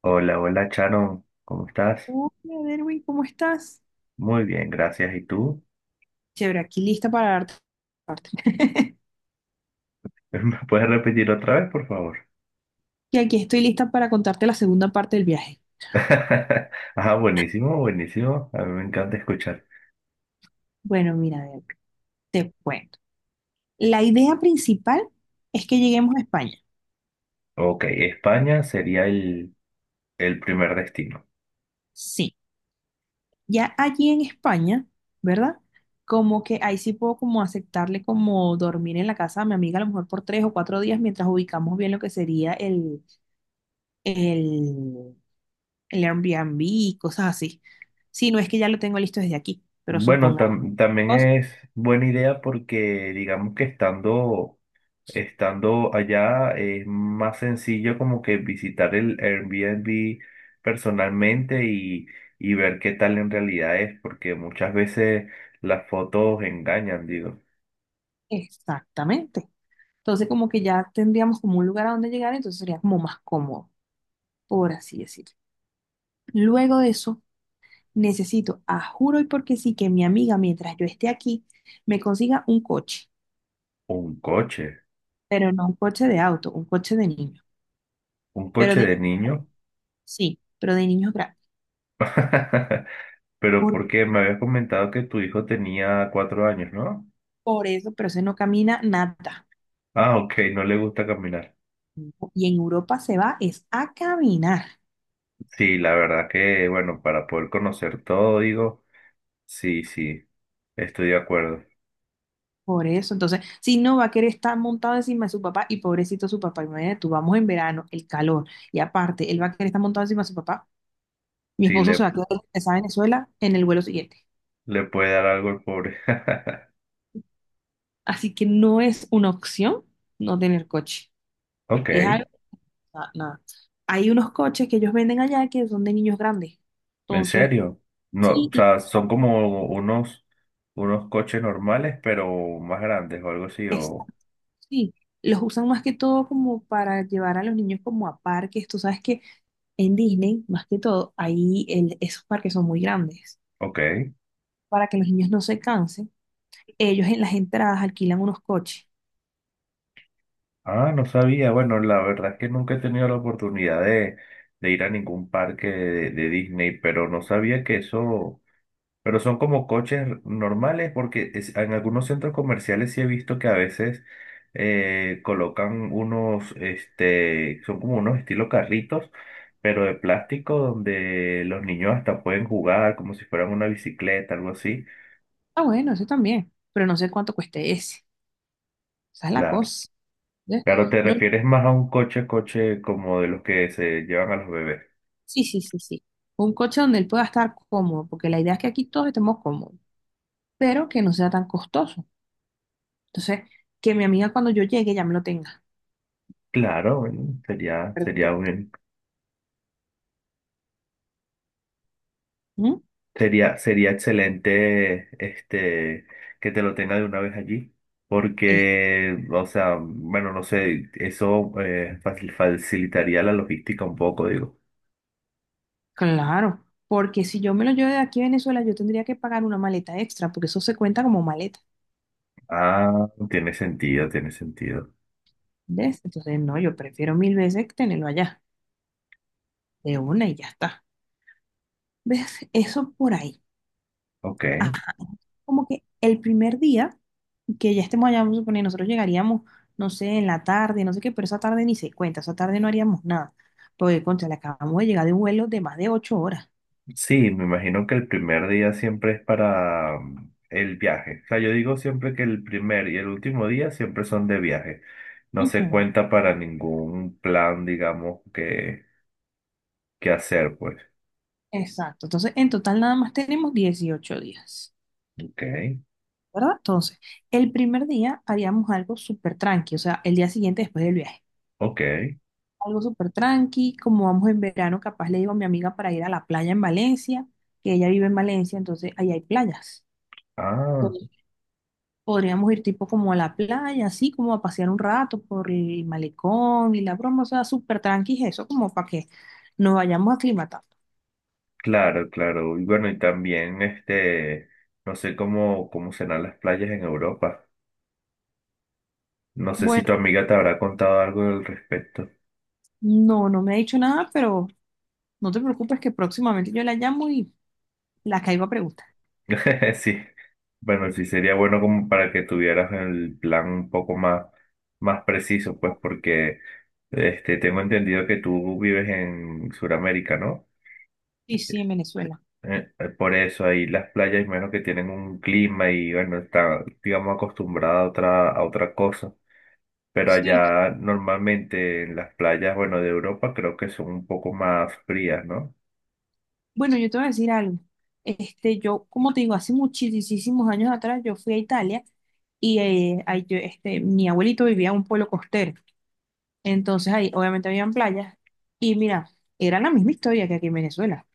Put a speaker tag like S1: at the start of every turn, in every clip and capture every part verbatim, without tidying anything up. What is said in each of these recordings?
S1: Hola, hola Charon. ¿Cómo estás?
S2: Hola, Derwin, ¿cómo estás?
S1: Muy bien, gracias. ¿Y tú?
S2: Chévere, aquí lista para darte la parte.
S1: ¿Me puedes repetir otra vez, por favor?
S2: Y aquí estoy lista para contarte la segunda parte del viaje.
S1: Ah, buenísimo, buenísimo. A mí me encanta escuchar.
S2: Bueno, mira, Derwin, te cuento. La idea principal es que lleguemos a España.
S1: Ok, España sería el, el primer destino.
S2: Sí, ya allí en España, ¿verdad? Como que ahí sí puedo como aceptarle como dormir en la casa de mi amiga a lo mejor por tres o cuatro días mientras ubicamos bien lo que sería el, el, el Airbnb y cosas así. Sí, no es que ya lo tengo listo desde aquí, pero
S1: Bueno,
S2: supongamos.
S1: tam- también es buena idea porque digamos que estando Estando allá es más sencillo como que visitar el Airbnb personalmente y, y ver qué tal en realidad es, porque muchas veces las fotos engañan, digo,
S2: Exactamente. Entonces, como que ya tendríamos como un lugar a donde llegar, entonces sería como más cómodo, por así decirlo. Luego de eso, necesito, a juro y porque sí, que mi amiga, mientras yo esté aquí, me consiga un coche,
S1: un coche,
S2: pero no un coche de auto, un coche de niño.
S1: un
S2: Pero
S1: coche
S2: de
S1: de niño.
S2: Sí, pero de niños grandes.
S1: Pero
S2: Por,
S1: porque me habías comentado que tu hijo tenía cuatro años, ¿no?
S2: por eso, pero ese no camina nada.
S1: Ah, ok, no le gusta caminar.
S2: Y en Europa se va es a caminar.
S1: Sí, la verdad que, bueno, para poder conocer todo, digo, sí, sí, estoy de acuerdo.
S2: Por eso, entonces, si no va a querer estar montado encima de su papá, y pobrecito su papá, imagínate tú, vamos en verano, el calor, y aparte, él va a querer estar montado encima de su papá, mi
S1: Sí,
S2: esposo se
S1: le
S2: va a quedar regresado a Venezuela en el vuelo siguiente.
S1: Le puede dar algo al pobre.
S2: Así que no es una opción no tener coche,
S1: Ok,
S2: es algo, na- nada. Hay unos coches que ellos venden allá que son de niños grandes,
S1: en
S2: entonces,
S1: serio. No,
S2: sí,
S1: o
S2: y-
S1: sea, son como unos, unos coches normales, pero más grandes o algo así.
S2: es-
S1: O,
S2: sí, los usan más que todo como para llevar a los niños como a parques, tú sabes que en Disney, más que todo, ahí el- esos parques son muy grandes.
S1: ok.
S2: Para que los niños no se cansen, ellos en las entradas alquilan unos coches.
S1: Ah, no sabía. Bueno, la verdad es que nunca he tenido la oportunidad de, de ir a ningún parque de, de Disney, pero no sabía que eso. Pero son como coches normales porque es- en algunos centros comerciales sí he visto que a veces eh, colocan unos, este, son como unos estilo carritos, pero de plástico donde los niños hasta pueden jugar como si fueran una bicicleta, algo así.
S2: Ah, bueno, eso también, pero no sé cuánto cueste ese. Esa es la
S1: Claro.
S2: cosa. ¿Ves?
S1: Claro, te
S2: No,
S1: refieres más a un coche, coche como de los que se llevan a los bebés.
S2: sí, sí, sí, sí. Un coche donde él pueda estar cómodo, porque la idea es que aquí todos estemos cómodos, pero que no sea tan costoso. Entonces, que mi amiga cuando yo llegue ya me lo tenga.
S1: Claro, bueno, sería,
S2: Perdón.
S1: sería un,
S2: ¿Mm?
S1: Sería, sería excelente este, que te lo tenga de una vez allí,
S2: Eh,
S1: porque, o sea, bueno, no sé, eso eh, facil- facilitaría la logística un poco, digo.
S2: claro, porque si yo me lo llevo de aquí a Venezuela, yo tendría que pagar una maleta extra, porque eso se cuenta como maleta.
S1: Ah, tiene sentido, tiene sentido.
S2: ¿Ves? Entonces, no, yo prefiero mil veces tenerlo allá, de una y ya está. ¿Ves? Eso por ahí.
S1: Ok.
S2: Ah, como que el primer día que ya estemos allá, vamos a suponer, nosotros llegaríamos, no sé, en la tarde, no sé qué, pero esa tarde ni se cuenta, esa tarde no haríamos nada. Porque, contra, le acabamos de llegar de un vuelo de más de ocho horas.
S1: Sí, me imagino que el primer día siempre es para mm, el viaje. O sea, yo digo siempre que el primer y el último día siempre son de viaje. No se
S2: Ujú,
S1: cuenta para ningún plan, digamos, que, que hacer, pues.
S2: exacto. Entonces, en total nada más tenemos dieciocho días,
S1: Ok,
S2: ¿verdad? Entonces, el primer día haríamos algo súper tranqui, o sea, el día siguiente después del viaje.
S1: ok.
S2: Algo súper tranqui, como vamos en verano, capaz le digo a mi amiga para ir a la playa en Valencia, que ella vive en Valencia, entonces ahí hay playas.
S1: Ah,
S2: Entonces, podríamos ir tipo como a la playa, así como a pasear un rato por el malecón y la broma, o sea, súper tranqui, eso como para que nos vayamos aclimatando.
S1: claro, claro. Y bueno, y también este, no sé cómo, cómo serán las playas en Europa. No sé si tu
S2: Bueno,
S1: amiga te habrá contado algo al respecto.
S2: no, no me ha dicho nada, pero no te preocupes que próximamente yo la llamo y la caigo a preguntar.
S1: Sí. Bueno, sí sería bueno como para que tuvieras el plan un poco más, más preciso, pues, porque este tengo entendido que tú vives en Sudamérica, ¿no?
S2: Sí, sí, en Venezuela.
S1: Eh, eh, por eso ahí las playas, menos que tienen un clima y bueno, está, digamos, acostumbrada a otra, a otra cosa. Pero
S2: Sí,
S1: allá normalmente en las playas, bueno, de Europa creo que son un poco más frías, ¿no?
S2: bueno, yo te voy a decir algo. Este, yo, como te digo, hace muchísimos años atrás yo fui a Italia y eh, ahí yo, este, mi abuelito vivía en un pueblo costero. Entonces ahí obviamente habían playas y mira, era la misma historia que aquí en Venezuela.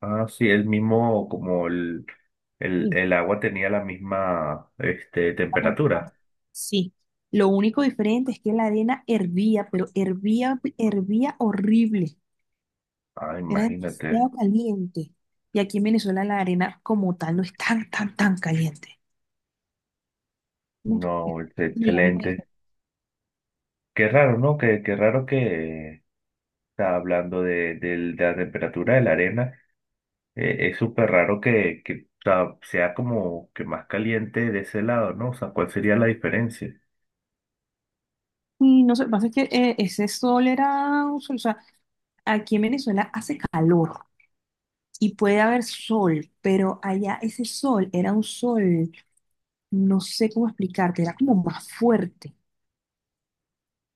S1: Ah, sí, el mismo, como el, el,
S2: Sí,
S1: el agua tenía la misma, este, temperatura.
S2: sí. Lo único diferente es que la arena hervía, pero hervía, hervía horrible.
S1: Ah,
S2: Era
S1: imagínate.
S2: demasiado caliente. Y aquí en Venezuela la arena como tal no es tan, tan, tan caliente. No, es
S1: No, es
S2: la única.
S1: excelente. Qué raro, ¿no? Qué, qué raro que está hablando de, del- de la temperatura de la arena. Eh, es súper raro que, que o sea sea como que más caliente de ese lado, ¿no? O sea, ¿cuál sería la diferencia?
S2: Y no sé, lo que pasa es que eh, ese sol era un sol, o sea, aquí en Venezuela hace calor y puede haber sol, pero allá ese sol era un sol, no sé cómo explicarte, era como más fuerte,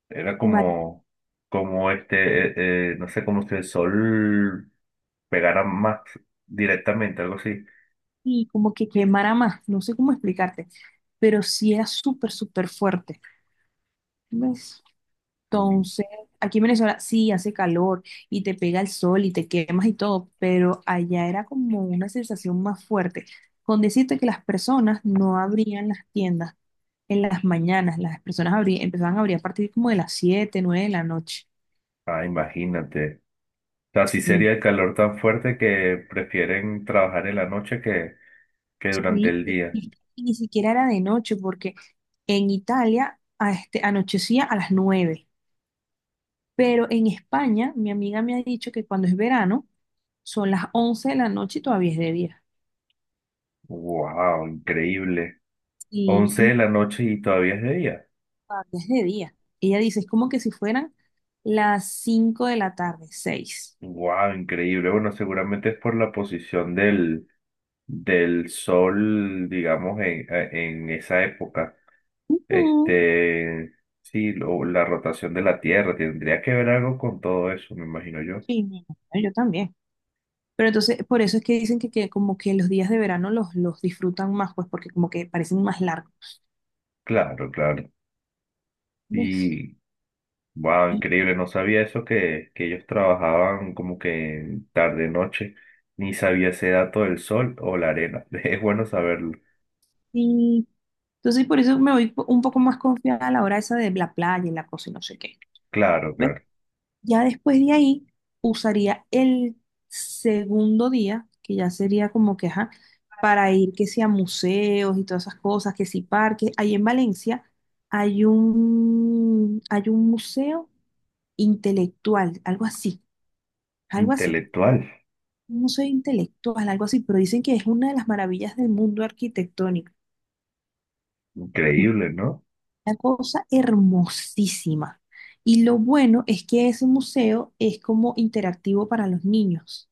S1: Era
S2: más,
S1: como, como este, eh, eh, no sé, como si el sol pegara más directamente, algo así.
S2: y como que quemara más, no sé cómo explicarte, pero sí era súper, súper fuerte. ¿Ves?
S1: Mm.
S2: Entonces, aquí en Venezuela sí hace calor y te pega el sol y te quemas y todo, pero allá era como una sensación más fuerte, con decirte que las personas no abrían las tiendas en las mañanas, las personas abrí- empezaban a abrir a partir como de las siete nueve de la noche.
S1: Ah, imagínate. O sea, sí
S2: Sí.
S1: sería el calor tan fuerte que prefieren trabajar en la noche que, que durante
S2: Sí,
S1: el
S2: y,
S1: día.
S2: y- y ni siquiera era de noche, porque en Italia a este, anochecía a las nueve, pero en España mi amiga me ha dicho que cuando es verano son las once de la noche y todavía es de día.
S1: Wow, increíble.
S2: Sí.
S1: Once de la noche y todavía es de día.
S2: Todavía es de día. Ella dice, es como que si fueran las cinco de la tarde, seis.
S1: Wow, increíble. Bueno, seguramente es por la posición del, del sol, digamos, en, en esa época. Este, sí, lo- la rotación de la Tierra tendría que ver algo con todo eso, me imagino yo.
S2: Sí, mi amor, yo también. Pero entonces, por eso es que dicen que, que como que los, días de verano los, los disfrutan más, pues porque como que parecen más largos.
S1: Claro, claro.
S2: ¿Ves?
S1: Y, wow, increíble, no sabía eso que, que ellos trabajaban como que tarde noche, ni sabía ese dato del sol o la arena. Es bueno saberlo.
S2: Y entonces por eso me voy po- un poco más confiada a la hora esa de la playa y la cosa y no sé qué.
S1: Claro,
S2: ¿Ves?
S1: claro.
S2: Ya después de ahí, usaría el segundo día, que ya sería como que, ajá, para ir que sea museos y todas esas cosas, que si parques. Ahí en Valencia hay un, hay un museo intelectual, algo así, algo así.
S1: Intelectual,
S2: Un museo intelectual, algo así, pero dicen que es una de las maravillas del mundo arquitectónico. Es
S1: increíble, ¿no?
S2: una cosa hermosísima. Y lo bueno es que ese museo es como interactivo para los niños.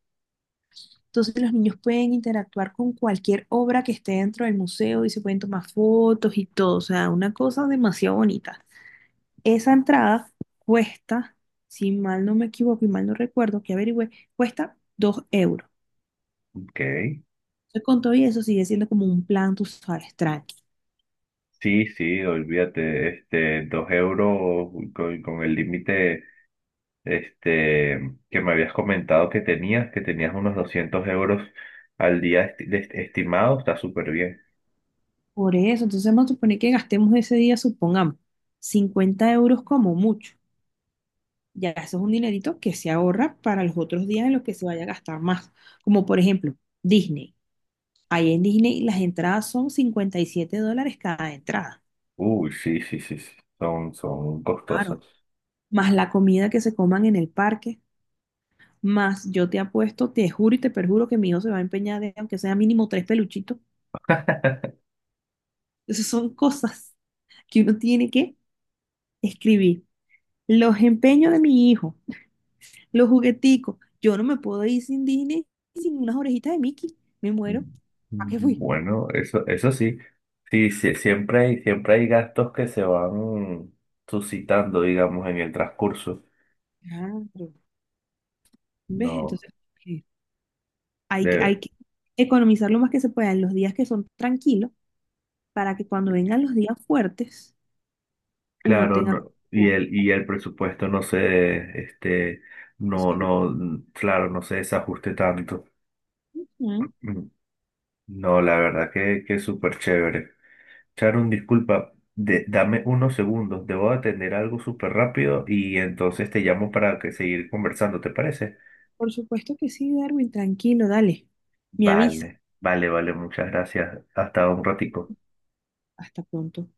S2: Entonces los niños pueden interactuar con cualquier obra que esté dentro del museo y se pueden tomar fotos y todo. O sea, una cosa demasiado bonita. Esa entrada cuesta, si mal no me equivoco y mal no recuerdo, que averigüé, cuesta dos euros.
S1: Ok.
S2: Entonces con todo y eso sigue siendo como un plan, tú sabes, tranqui.
S1: Sí, sí, olvídate, este, dos euros con, con el límite. Este, que me habías comentado que tenías, que tenías unos doscientos euros al día esti- de- estimado, está súper bien.
S2: Por eso, entonces vamos a suponer que gastemos ese día, supongamos, cincuenta euros como mucho. Ya eso es un dinerito que se ahorra para los otros días en los que se vaya a gastar más. Como por ejemplo, Disney. Ahí en Disney las entradas son cincuenta y siete dólares cada entrada.
S1: Uy, sí, sí, sí, sí, son, son costosas.
S2: Claro. Más la comida que se coman en el parque. Más yo te apuesto, te juro y te perjuro que mi hijo se va a empeñar de, aunque sea mínimo tres peluchitos. Esas son cosas que uno tiene que escribir. Los empeños de mi hijo, los jugueticos. Yo no me puedo ir sin Disney, sin unas orejitas de Mickey. Me muero.
S1: Mm.
S2: ¿Para qué fui?
S1: Bueno, eso, eso sí, sí, sí, siempre hay, siempre hay gastos que se van suscitando, digamos, en el transcurso.
S2: Claro. ¿Ves?
S1: No,
S2: Entonces, eh, hay que,
S1: de,
S2: hay que economizar lo más que se pueda en los días que son tranquilos para que cuando vengan los días fuertes, uno
S1: claro,
S2: tenga
S1: no, y
S2: como
S1: el, y el presupuesto no se, este, no,
S2: esas
S1: no, claro, no se desajuste tanto.
S2: opciones.
S1: No, la verdad que, que es súper chévere. Charun, disculpa, de- dame unos segundos, debo atender algo súper rápido y entonces te llamo para que seguir conversando, ¿te parece?
S2: Por supuesto que sí, Darwin, tranquilo, dale. Me avisa.
S1: Vale, vale, vale, muchas gracias. Hasta un
S2: ¿No?
S1: ratico.
S2: Hasta pronto.